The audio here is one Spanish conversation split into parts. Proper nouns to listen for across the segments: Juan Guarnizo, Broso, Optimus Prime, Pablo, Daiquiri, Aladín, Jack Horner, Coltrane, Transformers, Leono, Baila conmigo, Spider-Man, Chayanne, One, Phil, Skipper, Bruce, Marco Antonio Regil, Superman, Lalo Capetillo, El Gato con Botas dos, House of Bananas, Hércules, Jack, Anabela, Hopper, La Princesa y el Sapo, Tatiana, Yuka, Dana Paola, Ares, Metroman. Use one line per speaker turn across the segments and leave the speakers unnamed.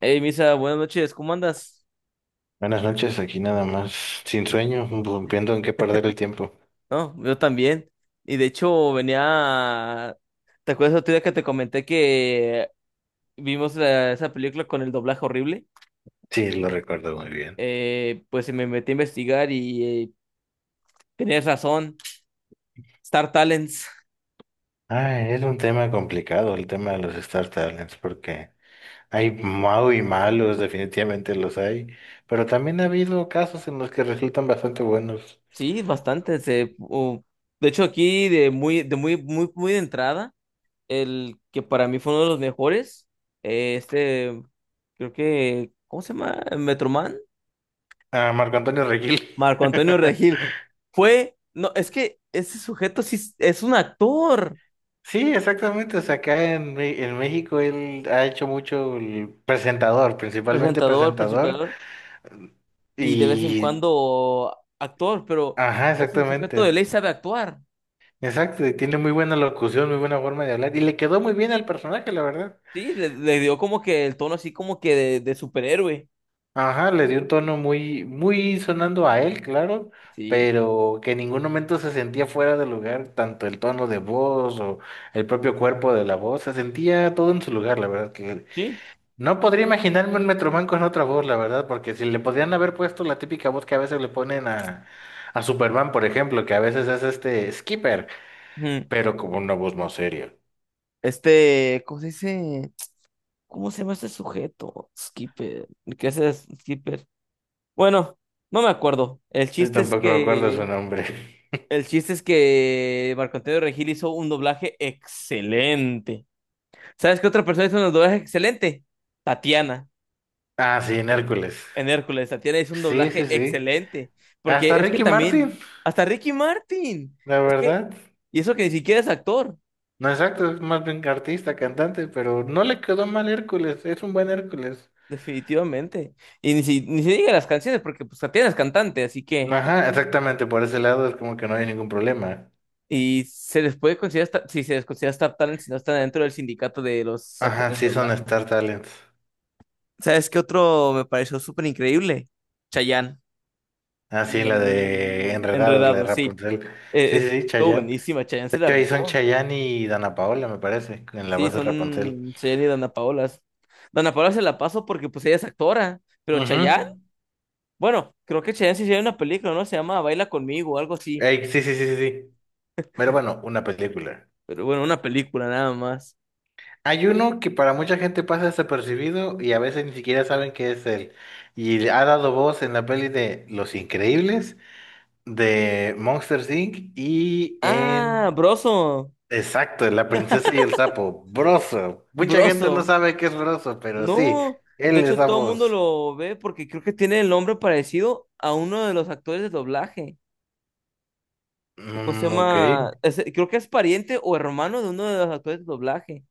Hey, Misa, buenas noches, ¿cómo andas?
Buenas noches, aquí nada más, sin sueño, rompiendo en qué perder el tiempo.
No, yo también. Y de hecho, venía. ¿Te acuerdas otro día que te comenté que vimos esa película con el doblaje horrible?
Sí, lo recuerdo muy bien.
Pues me metí a investigar y tenías razón. Star Talents.
Ah, es un tema complicado el tema de los Star Talents, porque hay mau y malos, definitivamente los hay, pero también ha habido casos en los que resultan bastante buenos.
Sí, bastante. De hecho, aquí de muy, muy de entrada, el que para mí fue uno de los mejores, eh, este, creo que, ¿cómo se llama? Metroman.
Ah, Marco Antonio Regil.
Marco Antonio Regil fue, no, es que ese sujeto sí es un actor,
Sí, exactamente, o sea, acá en México él ha hecho mucho el presentador, principalmente
presentador,
presentador,
principador y de vez en
y...
cuando actor, pero
Ajá,
ese sujeto de
exactamente.
ley sabe actuar,
Exacto, y tiene muy buena locución, muy buena forma de hablar, y le quedó muy bien al personaje, la verdad.
sí, le dio como que el tono así como que de superhéroe,
Ajá, le dio un tono muy, muy sonando a él, claro,
sí,
pero que en ningún momento se sentía fuera de lugar, tanto el tono de voz o el propio cuerpo de la voz, se sentía todo en su lugar, la verdad, que
sí.
no podría imaginarme un Metroman con otra voz, la verdad, porque si le podrían haber puesto la típica voz que a veces le ponen a Superman, por ejemplo, que a veces es este Skipper,
Ujú.
pero como una voz más seria.
Este, ¿cómo se dice? ¿Cómo se llama este sujeto? Skipper, ¿qué es ese Skipper? Bueno, no me acuerdo.
Y tampoco me acuerdo su nombre.
El chiste es que Marco Antonio Regil hizo un doblaje excelente. ¿Sabes qué otra persona hizo un doblaje excelente? Tatiana,
Ah, sí, en Hércules.
en Hércules. Tatiana hizo un
Sí,
doblaje
sí, sí.
excelente.
Hasta
Porque es que
Ricky Martin,
también, hasta Ricky Martin.
la
Es que,
verdad.
y eso que ni siquiera es actor,
No exacto, es más bien artista, cantante, pero no le quedó mal Hércules, es un buen Hércules.
definitivamente. Y ni se diga las canciones, porque pues Tatiana es cantante, así que.
Ajá, exactamente, por ese lado es como que no hay ningún problema.
Y se les puede considerar, si se les considera Star Talent, si no están dentro del sindicato de los
Ajá,
actores de
sí son
doblaje.
Star Talents.
¿Sabes qué otro me pareció súper increíble? Chayanne.
Ah, sí, la de Enredados, la de
Enredado, sí.
Rapunzel. Sí, sí, sí,
Estuvo
Chayanne.
buenísima, Chayanne se
De
la
hecho, ahí son
rifó.
Chayanne y Dana Paola, me parece, en la
Sí,
voz de Rapunzel.
son Chayanne y Dana Paola. Dana Paola se la paso porque pues ella es actora, pero
Ujú.
Chayanne, bueno, creo que Chayanne sí tiene una película, ¿no? Se llama Baila conmigo, algo así.
Ey, sí, sí, sí, sí, sí. Pero bueno, una película.
Pero bueno, una película nada más.
Hay uno que para mucha gente pasa desapercibido y a veces ni siquiera saben que es él. Y ha dado voz en la peli de Los Increíbles, de Monsters Inc. y en...
Ah,
Exacto, en La Princesa y el Sapo, Broso. Mucha gente no
Broso.
sabe qué es Broso, pero sí,
No, de
él es
hecho
la
todo el mundo
voz.
lo ve porque creo que tiene el nombre parecido a uno de los actores de doblaje. ¿Cómo se
Mm, ok,
llama? Creo que es pariente o hermano de uno de los actores de doblaje.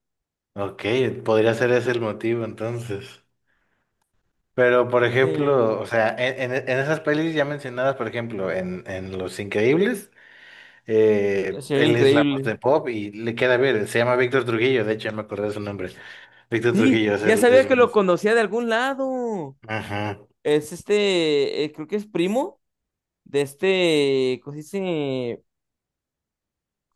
ok, podría ser ese el motivo entonces. Pero, por
Este,
ejemplo, o sea, en, en esas pelis ya mencionadas, por ejemplo, en Los Increíbles.
sería
Él es la voz
increíble.
de Bob y le queda bien. Se llama Víctor Trujillo, de hecho, ya me acordé de su nombre. Víctor Trujillo
Sí,
es
ya
el
sabía
es
que lo
Bruce.
conocía de algún lado.
Ajá.
Es este, creo que es primo de este, ¿cómo se dice?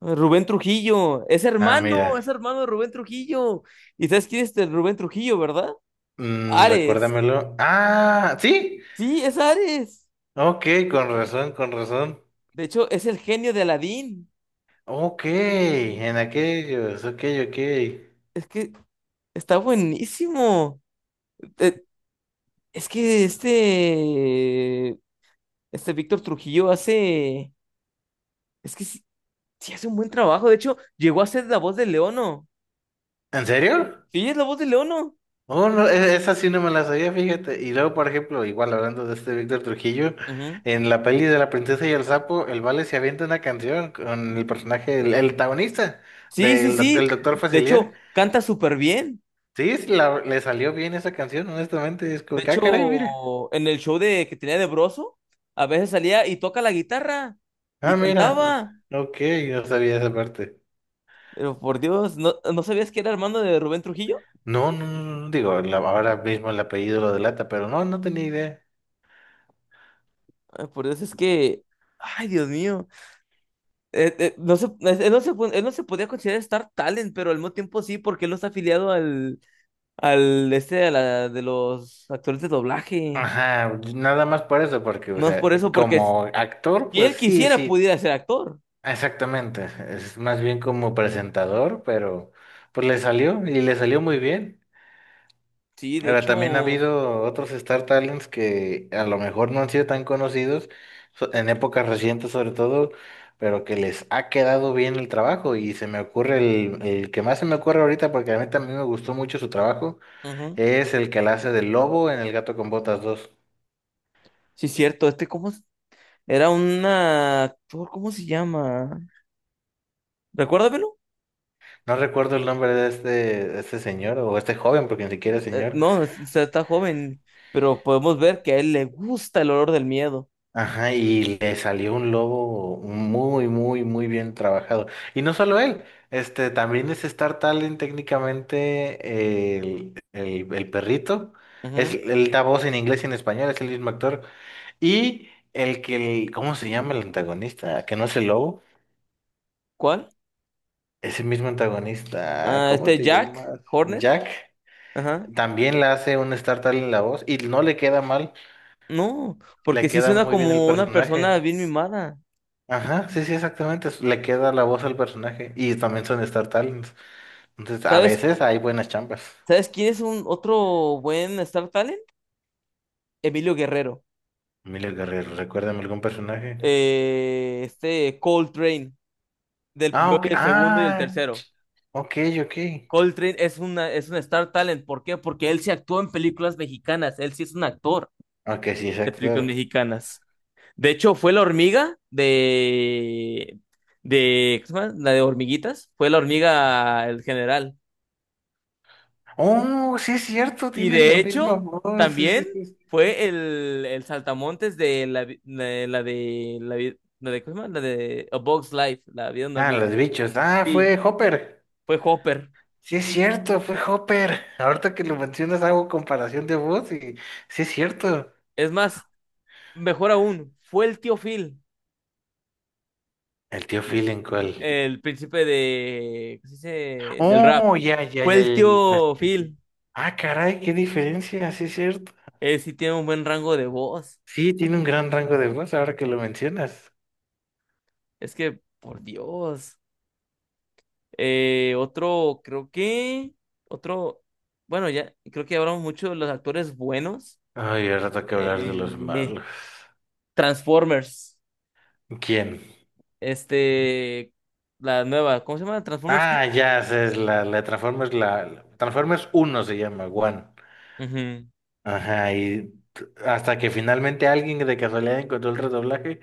Rubén Trujillo.
Ah, mira.
Es hermano de Rubén Trujillo. ¿Y sabes quién es este Rubén Trujillo, verdad?
Mm,
Ares.
recuérdamelo. Ah, sí.
Sí, es Ares.
Ok, con razón, con razón.
De hecho, es el genio de Aladín.
Ok, en aquellos. Ok, ok.
Es que está buenísimo. Eh, Es que este Víctor Trujillo hace, es que sí, sí hace un buen trabajo. De hecho, llegó a ser la voz de Leono.
¿En serio?
Sí, es la voz de Leono.
Oh, no, esa sí no me la sabía, fíjate. Y luego, por ejemplo, igual hablando de este Víctor Trujillo,
Ujú.
en la peli de La Princesa y el Sapo, el Vale se avienta una canción con el personaje, el protagonista
Sí, sí,
el
sí.
doctor
De
Facilier.
hecho, canta súper bien.
Sí, le salió bien esa canción, honestamente. Es
De
como que, ah, caray, mira.
hecho, en el show de que tenía de Broso, a veces salía y toca la guitarra y
Ah, mira.
cantaba.
Ok, no sabía esa parte.
Pero por Dios, ¿no sabías que era hermano de Rubén Trujillo?
No, no, no, no, digo, ahora mismo el apellido lo delata, pero no, no tenía idea.
Ay, Por Dios, es que, ay, Dios mío. No se, no se, él no se podía considerar Star Talent, pero al mismo tiempo sí, porque él no está afiliado al de los actores de doblaje.
Ajá, nada más por eso, porque, o
No es
sea,
por eso, porque
como actor,
si
pues
él
sí,
quisiera,
sí.
pudiera ser actor.
Exactamente, es más bien como presentador, pero pues le salió y le salió muy bien.
Sí, de
Ahora
hecho,
también ha
ujú.
habido otros Star Talents que a lo mejor no han sido tan conocidos en épocas recientes sobre todo, pero que les ha quedado bien el trabajo y se me ocurre el que más se me ocurre ahorita porque a mí también me gustó mucho su trabajo, es el que la hace del lobo en El Gato con Botas dos.
Sí, cierto, este, ¿cómo? ¿Es? Era un actor, ¿cómo se llama? Recuérdamelo.
No recuerdo el nombre de este señor o este joven porque ni siquiera es señor.
No, es- O sea, está joven, pero podemos ver que a él le gusta el olor del miedo.
Ajá, y le salió un lobo muy, muy, muy bien trabajado. Y no solo él, este también es Star Talent técnicamente el perrito. Es,
Ujú.
él da voz en inglés y en español, es el mismo actor. Y ¿cómo se llama el antagonista? Que no es el lobo,
¿Cuál?
ese mismo antagonista,
Ah,
¿cómo
este
te
Jack
llamas?
Horner.
Jack.
Ajá.
También le hace un Star Talent la voz y no le queda mal,
No, porque
le
sí
queda
suena
muy bien el
como una persona
personaje.
bien mimada.
Ajá, sí, sí, exactamente. Le queda la voz al personaje. Y también son Star Talents. Entonces, a
¿Sabes?
veces hay buenas chambas.
¿Sabes quién es un otro buen Star Talent? Emilio Guerrero.
Emilia Guerrero, recuérdame algún personaje.
Este Coltrane, del
Ah,
primero
ok.
y el segundo y el
Ah,
tercero.
ok, ok.
Coltrane es un Star Talent. ¿Por qué? Porque él se actuó en películas mexicanas. Él sí es un actor
Ok, sí, es
de películas
actor.
mexicanas. De hecho, fue la hormiga ¿cómo se llama? La de hormiguitas. Fue la hormiga, el general.
Oh, sí es cierto,
Y
tiene la
de
misma
hecho,
voz. Sí, sí,
también
sí.
fue el saltamontes de la, vi- la de la, vi- la de, ¿cómo se llama? La de A Bug's Life, la vida de una
Ah,
hormiga.
los bichos. Ah,
Sí,
fue Hopper.
fue Hopper.
Sí es cierto, fue Hopper. Ahorita que lo mencionas hago comparación de voz y sí es cierto.
Es más, mejor aún, fue el tío Phil,
¿El tío Phil en cuál?
el príncipe de, ¿cómo se dice? Del rap.
Oh, ya, ya,
Fue
ya,
el
ya. Ya, ah,
tío
sí, sí.
Phil.
Ah, caray, qué diferencia, sí es cierto.
Él sí tiene un buen rango de voz.
Sí, tiene un gran rango de voz ahora que lo mencionas.
Es que, por Dios. Otro, creo que, otro, bueno, ya, creo que hablamos mucho de los actores buenos.
Ay, ahora toca hablar de los
Eh,
malos.
Transformers.
¿Quién?
Este, la nueva, ¿cómo se llama? ¿Transformers qué?
Ah, ya, sé, es la Transformers, Transformers 1 se llama, One.
Ujú.
Ajá, y hasta que finalmente alguien de casualidad encontró el redoblaje.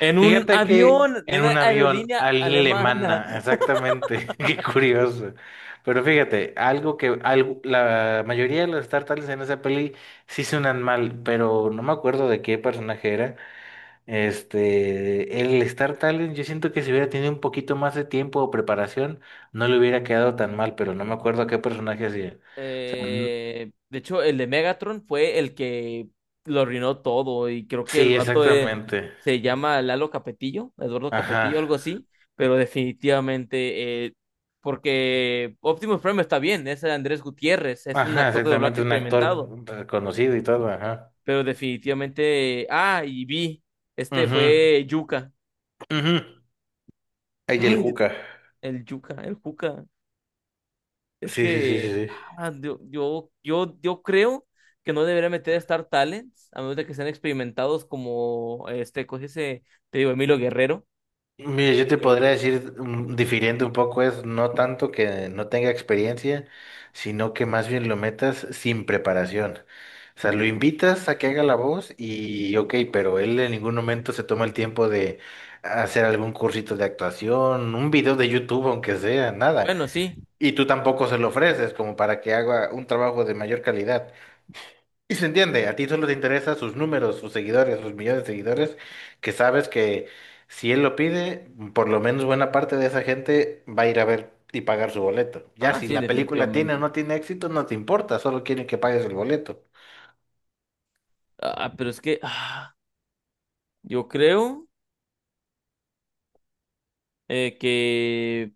En un
Fíjate que
avión de
en
una
un avión
aerolínea alemana.
alemana, exactamente, qué curioso. Pero fíjate, algo que algo, la mayoría de las tartales en esa peli sí suenan mal, pero no me acuerdo de qué personaje era. Este, el Star Talent, yo siento que si hubiera tenido un poquito más de tiempo o preparación, no le hubiera quedado tan mal, pero no me acuerdo a qué personaje hacía. O sea,
De hecho, el de Megatron fue el que lo arruinó todo. Y creo que el
sí,
vato
exactamente.
se llama Lalo Capetillo, Eduardo
Ajá.
Capetillo, algo así. Pero definitivamente, porque Optimus Prime está bien, es Andrés Gutiérrez, es un
Ajá,
actor de doblaje
exactamente, un
experimentado.
actor reconocido y todo, ajá.
Pero definitivamente. Ah, y vi. Este
Ujú,
fue Yuka.
ujú. Ay, el
Ay, Dios,
cuca.
el Yuka, el Juca. Es
Sí, sí, sí, sí,
que
sí.
yo creo que no debería meter Star Talents, a menos de que sean experimentados como este, coge ese, te digo, Emilio Guerrero.
Mira, yo te
Eh,
podría decir, difiriendo un poco, es no tanto que no tenga experiencia, sino que más bien lo metas sin preparación. O sea, lo invitas a que haga la voz y ok, pero él en ningún momento se toma el tiempo de hacer algún cursito de actuación, un video de YouTube, aunque sea, nada.
bueno, sí.
Y tú tampoco se lo ofreces como para que haga un trabajo de mayor calidad. Y se entiende, a ti solo te interesan sus números, sus seguidores, sus millones de seguidores, que sabes que si él lo pide, por lo menos buena parte de esa gente va a ir a ver y pagar su boleto. Ya
Ah,
si
sí,
la película tiene o
definitivamente.
no tiene éxito, no te importa, solo quieren que pagues el boleto.
Ah, pero es que yo creo que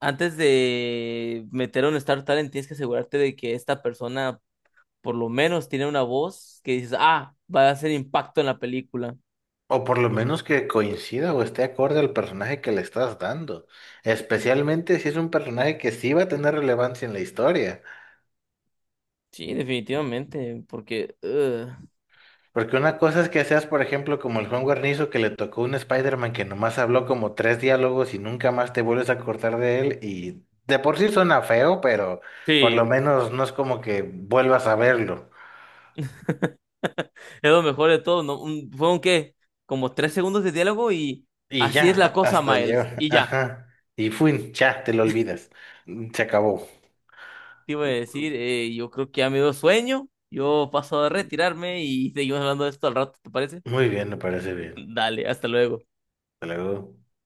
antes de meter a un Star Talent tienes que asegurarte de que esta persona por lo menos tiene una voz que dices, ah, va a hacer impacto en la película.
O por lo menos que coincida o esté acorde al personaje que le estás dando, especialmente si es un personaje que sí va a tener relevancia en la historia.
Sí, definitivamente, porque ugh,
Porque una cosa es que seas, por ejemplo, como el Juan Guarnizo que le tocó un Spider-Man que nomás habló como tres diálogos y nunca más te vuelves a acordar de él. Y de por sí suena feo, pero por lo
sí,
menos no es como que vuelvas a verlo.
es lo mejor de todo, ¿no? Fueron qué, como 3 segundos de diálogo y
Y
así es la
ya,
cosa,
hasta
Miles.
llega.
Y ya,
Ajá. Y fui, ya, te lo olvidas. Se acabó.
te iba a decir, yo creo que ya me dio sueño, yo paso a retirarme y seguimos hablando de esto al rato, ¿te parece?
Muy bien, me parece bien.
Dale, hasta luego.
Hasta luego.